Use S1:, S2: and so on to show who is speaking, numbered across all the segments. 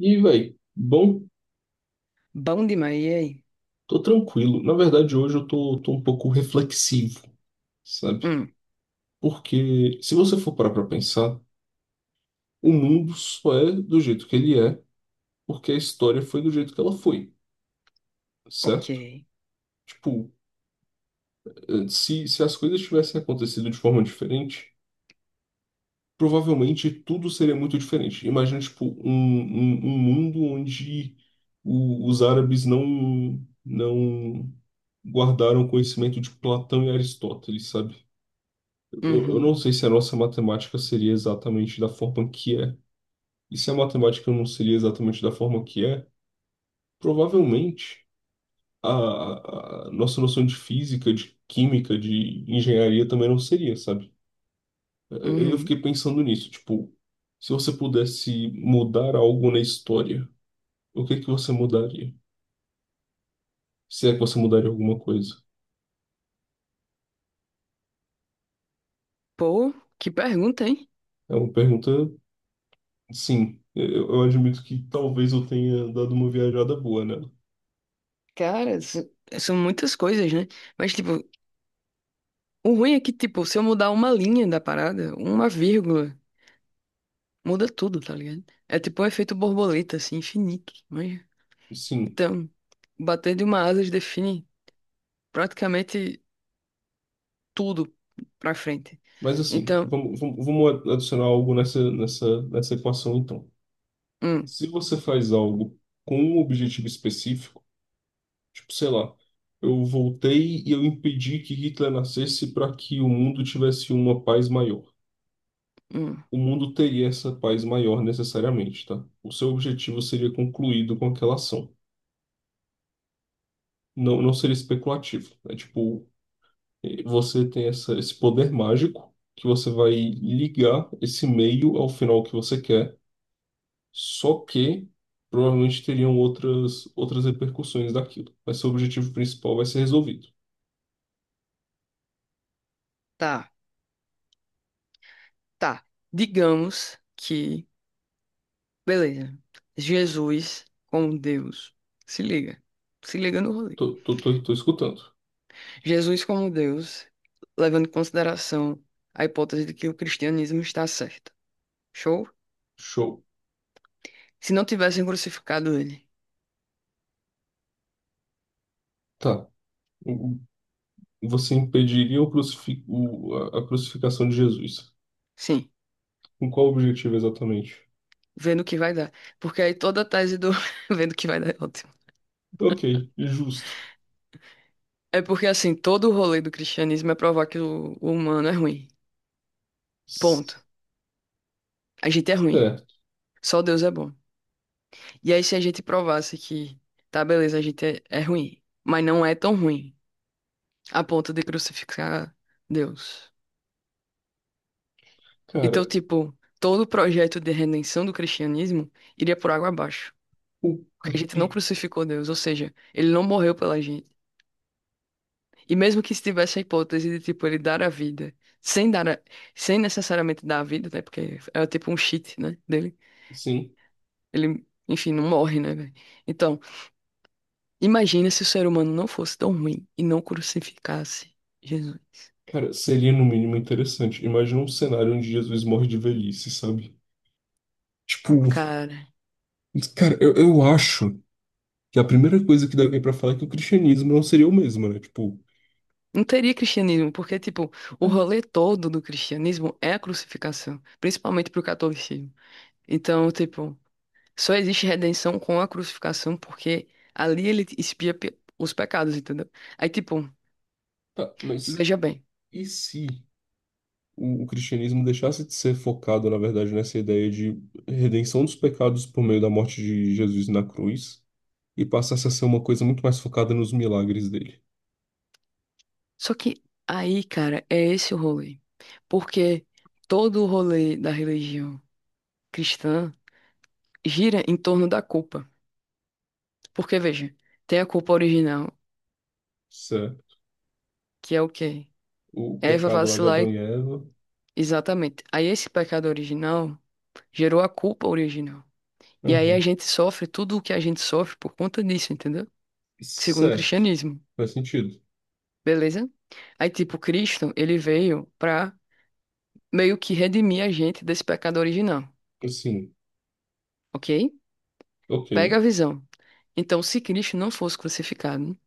S1: E, velho, bom,
S2: Bom demais, e aí?
S1: tô tranquilo. Na verdade, hoje eu tô um pouco reflexivo, sabe?
S2: Hum,
S1: Porque se você for parar pra pensar, o mundo só é do jeito que ele é, porque a história foi do jeito que ela foi,
S2: ok.
S1: certo? Tipo, se as coisas tivessem acontecido de forma diferente, provavelmente tudo seria muito diferente. Imagina, tipo, um mundo onde os árabes não guardaram conhecimento de Platão e Aristóteles, sabe? Eu
S2: Uhum,
S1: não sei se a nossa matemática seria exatamente da forma que é. E se a matemática não seria exatamente da forma que é, provavelmente a nossa noção de física, de química, de engenharia também não seria, sabe? Eu
S2: uhum.
S1: fiquei pensando nisso, tipo, se você pudesse mudar algo na história, o que é que você mudaria? Se é que você mudaria alguma coisa?
S2: Pô, que pergunta, hein?
S1: É uma pergunta, sim. É, eu admito que talvez eu tenha dado uma viajada boa nela.
S2: Cara, são muitas coisas, né? Mas, tipo, o ruim é que, tipo, se eu mudar uma linha da parada, uma vírgula, muda tudo, tá ligado? É tipo um efeito borboleta, assim, infinito. Mas
S1: Sim.
S2: então, bater de uma asa define praticamente tudo pra frente.
S1: Mas assim,
S2: Então,
S1: vamos adicionar algo nessa equação então.
S2: hum,
S1: Se você faz algo com um objetivo específico, tipo, sei lá, eu voltei e eu impedi que Hitler nascesse para que o mundo tivesse uma paz maior.
S2: hum,
S1: O mundo teria essa paz maior necessariamente, tá? O seu objetivo seria concluído com aquela ação. Não seria especulativo. É tipo, você tem esse poder mágico que você vai ligar esse meio ao final que você quer. Só que provavelmente teriam outras repercussões daquilo. Mas seu objetivo principal vai ser resolvido.
S2: tá, tá. Digamos que. Beleza. Jesus como Deus. Se liga. Se liga no rolê.
S1: Tô escutando.
S2: Jesus como Deus, levando em consideração a hipótese de que o cristianismo está certo. Show?
S1: Show.
S2: Se não tivessem crucificado ele.
S1: Tá. O- Você impediria o a crucificação de Jesus.
S2: Sim,
S1: Com qual objetivo exatamente?
S2: vendo o que vai dar. Porque aí toda a tese do vendo o que vai dar é ótimo.
S1: Ok, justo.
S2: É porque assim, todo o rolê do cristianismo é provar que o humano é ruim. Ponto.
S1: S-
S2: A gente é ruim.
S1: Certo.
S2: Só Deus é bom. E aí se a gente provasse que, tá, beleza, a gente é ruim, mas não é tão ruim a ponto de crucificar Deus. Então,
S1: Cara,
S2: tipo, todo o projeto de redenção do cristianismo iria por água abaixo,
S1: o, o
S2: porque a gente não
S1: pi-
S2: crucificou Deus, ou seja, ele não morreu pela gente. E mesmo que estivesse a hipótese de, tipo, ele dar a vida, sem dar a- sem necessariamente dar a vida, né? Porque é, tipo, um cheat, né, dele.
S1: sim.
S2: Ele, enfim, não morre, né, velho? Então, imagina se o ser humano não fosse tão ruim e não crucificasse Jesus.
S1: Cara, seria no mínimo interessante. Imagina um cenário onde Jesus morre de velhice, sabe? Tipo,
S2: Cara,
S1: cara, eu acho. Que a primeira coisa que deve vir pra falar é que o cristianismo não seria o mesmo, né? Tipo,
S2: não teria cristianismo, porque, tipo, o rolê todo do cristianismo é a crucificação, principalmente pro catolicismo. Então, tipo, só existe redenção com a crucificação, porque ali ele expia os pecados, entendeu? Aí, tipo,
S1: tá, mas
S2: veja bem.
S1: e se o cristianismo deixasse de ser focado, na verdade, nessa ideia de redenção dos pecados por meio da morte de Jesus na cruz e passasse a ser uma coisa muito mais focada nos milagres dele?
S2: Só que aí, cara, é esse o rolê. Porque todo o rolê da religião cristã gira em torno da culpa. Porque, veja, tem a culpa original,
S1: Certo.
S2: que é o quê?
S1: O
S2: É Eva
S1: pecado lá de
S2: vacilar
S1: Adão
S2: e.
S1: e Eva.
S2: Exatamente. Aí esse pecado original gerou a culpa original. E aí a
S1: Uhum.
S2: gente sofre tudo o que a gente sofre por conta disso, entendeu? Segundo o
S1: Certo.
S2: cristianismo,
S1: Faz sentido.
S2: beleza? Aí, tipo, Cristo, ele veio pra meio que redimir a gente desse pecado original,
S1: Assim,
S2: ok?
S1: ok.
S2: Pega a visão. Então, se Cristo não fosse crucificado,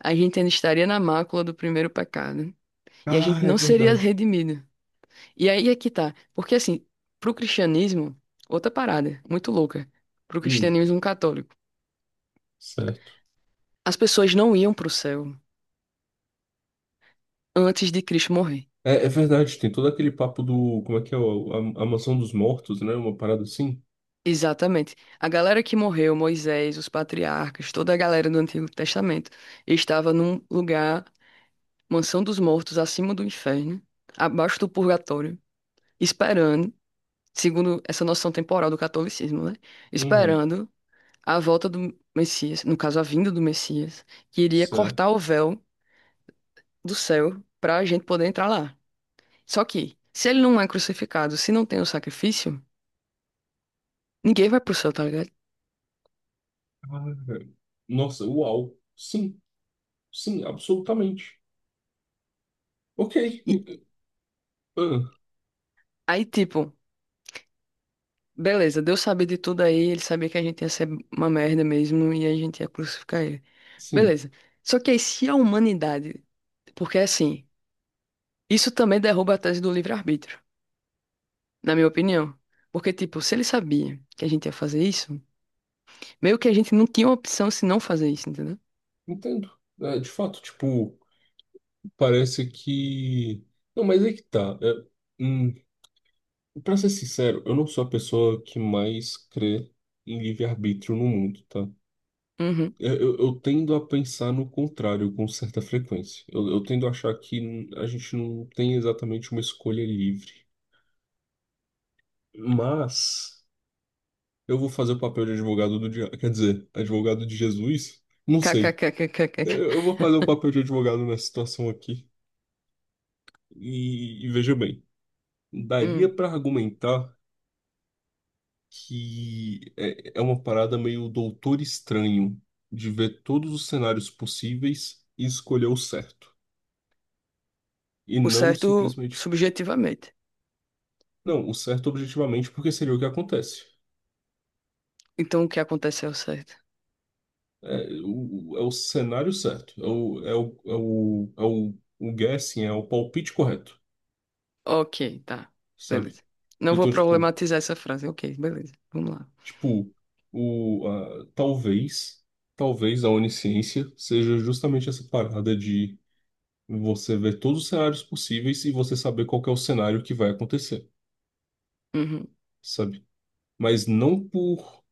S2: a gente ainda estaria na mácula do primeiro pecado e a gente
S1: Cara, é
S2: não seria
S1: verdade.
S2: redimido. E aí é que tá. Porque, assim, pro cristianismo, outra parada muito louca, pro
S1: Hum,
S2: cristianismo católico,
S1: certo.
S2: as pessoas não iam pro céu antes de Cristo morrer.
S1: É, é verdade, tem todo aquele papo do. Como é que é? A mansão dos mortos, né? Uma parada assim?
S2: Exatamente. A galera que morreu, Moisés, os patriarcas, toda a galera do Antigo Testamento, estava num lugar, mansão dos mortos, acima do inferno, abaixo do purgatório, esperando, segundo essa noção temporal do catolicismo, né?
S1: Uhum,
S2: Esperando a volta do Messias, no caso, a vinda do Messias, que iria
S1: certo.
S2: cortar o véu do céu para a gente poder entrar lá. Só que, se ele não é crucificado, se não tem o sacrifício, ninguém vai pro céu, tá ligado?
S1: Ah, nossa, uau. Sim, sim, absolutamente. Ok.
S2: E
S1: Ah,
S2: aí, tipo. Beleza, Deus sabia de tudo aí, ele sabia que a gente ia ser uma merda mesmo e a gente ia crucificar ele.
S1: sim,
S2: Beleza. Só que aí, se a humanidade. Porque assim, isso também derruba a tese do livre-arbítrio, na minha opinião. Porque, tipo, se ele sabia que a gente ia fazer isso, meio que a gente não tinha opção se não fazer isso, entendeu?
S1: entendo. É, de fato, tipo, parece que. Não, mas é que tá. É, hum, pra ser sincero, eu não sou a pessoa que mais crê em livre-arbítrio no mundo, tá?
S2: Uhum.
S1: Eu tendo a pensar no contrário com certa frequência. Eu tendo a achar que a gente não tem exatamente uma escolha livre. Mas eu vou fazer o papel de advogado do diabo. Quer dizer, advogado de Jesus? Não sei.
S2: KKKKKK.
S1: Eu vou fazer o papel de advogado nessa situação aqui. E veja bem, daria
S2: Hum.
S1: para argumentar que é uma parada meio doutor estranho de ver todos os cenários possíveis e escolher o certo. E
S2: O
S1: não
S2: certo
S1: simplesmente.
S2: subjetivamente.
S1: Não, o certo objetivamente, porque seria o que acontece.
S2: Então o que acontece é o certo.
S1: É o cenário certo, o guessing, é o palpite correto,
S2: Ok, tá.
S1: sabe?
S2: Beleza. Não vou
S1: Então, tipo,
S2: problematizar essa frase. Ok, beleza. Vamos lá.
S1: tipo talvez, talvez a onisciência seja justamente essa parada de você ver todos os cenários possíveis e você saber qual que é o cenário que vai acontecer,
S2: Uhum.
S1: sabe? Mas não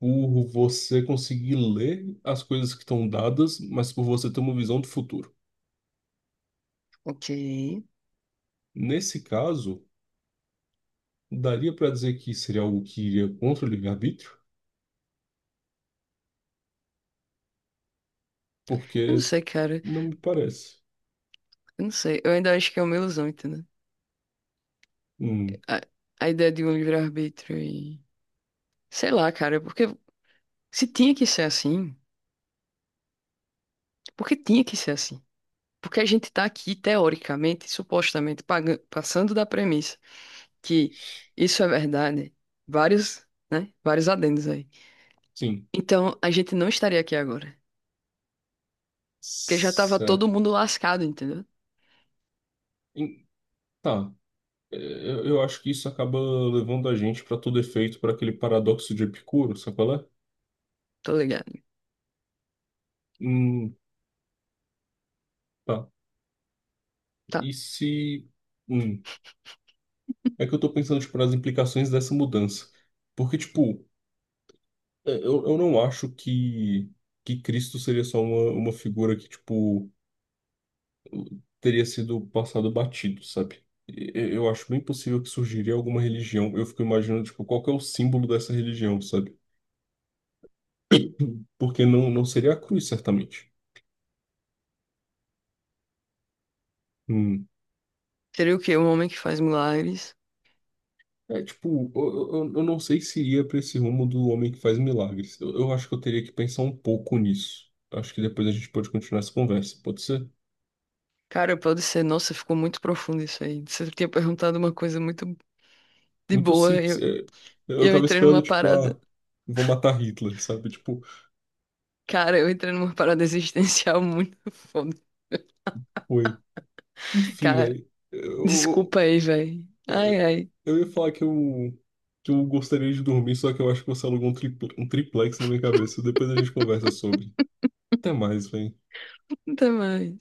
S1: por você conseguir ler as coisas que estão dadas, mas por você ter uma visão do futuro.
S2: Ok. Eu
S1: Nesse caso, daria para dizer que seria algo que iria contra o livre-arbítrio?
S2: não
S1: Porque
S2: sei, cara.
S1: não me parece.
S2: Eu não sei. Eu ainda acho que é uma ilusão, entendeu?
S1: Hum,
S2: A, a ideia de um livre-arbítrio e. Sei lá, cara, porque se tinha que ser assim, porque tinha que ser assim. Porque a gente tá aqui, teoricamente, supostamente, passando da premissa que isso é verdade, vários, né? Vários adendos aí.
S1: sim,
S2: Então, a gente não estaria aqui agora. Porque já tava todo
S1: certo.
S2: mundo lascado, entendeu?
S1: Em- tá. É, eu acho que isso acaba levando a gente para todo efeito para aquele paradoxo de Epicuro, sabe qual é?
S2: Tô ligado,
S1: Hum, tá.
S2: tá?
S1: E se. Hum, é que eu tô pensando, tipo, nas implicações dessa mudança. Porque, tipo, é, eu não acho que Cristo seria só uma figura que, tipo, teria sido passado batido, sabe? Eu acho bem possível que surgiria alguma religião. Eu fico imaginando, tipo, qual que é o símbolo dessa religião, sabe? Porque não seria a cruz, certamente. Hum.
S2: Seria o quê? Um homem que faz milagres.
S1: É, tipo, eu não sei se iria para esse rumo do homem que faz milagres. Eu acho que eu teria que pensar um pouco nisso. Acho que depois a gente pode continuar essa conversa. Pode ser?
S2: Cara, pode ser. Nossa, ficou muito profundo isso aí. Você tinha perguntado uma coisa muito de
S1: Muito
S2: boa.
S1: simples. É, eu
S2: Eu
S1: tava
S2: entrei
S1: esperando,
S2: numa
S1: tipo, ah,
S2: parada.
S1: vou matar Hitler, sabe? Tipo,
S2: Cara, eu entrei numa parada existencial muito foda.
S1: oi. Enfim,
S2: Cara,
S1: velho. Eu,
S2: desculpa aí, velho. Ai, ai.
S1: Eu ia falar que que eu gostaria de dormir, só que eu acho que você alugou um um triplex na minha cabeça. Depois a gente conversa sobre. Até mais, velho.
S2: Até mais.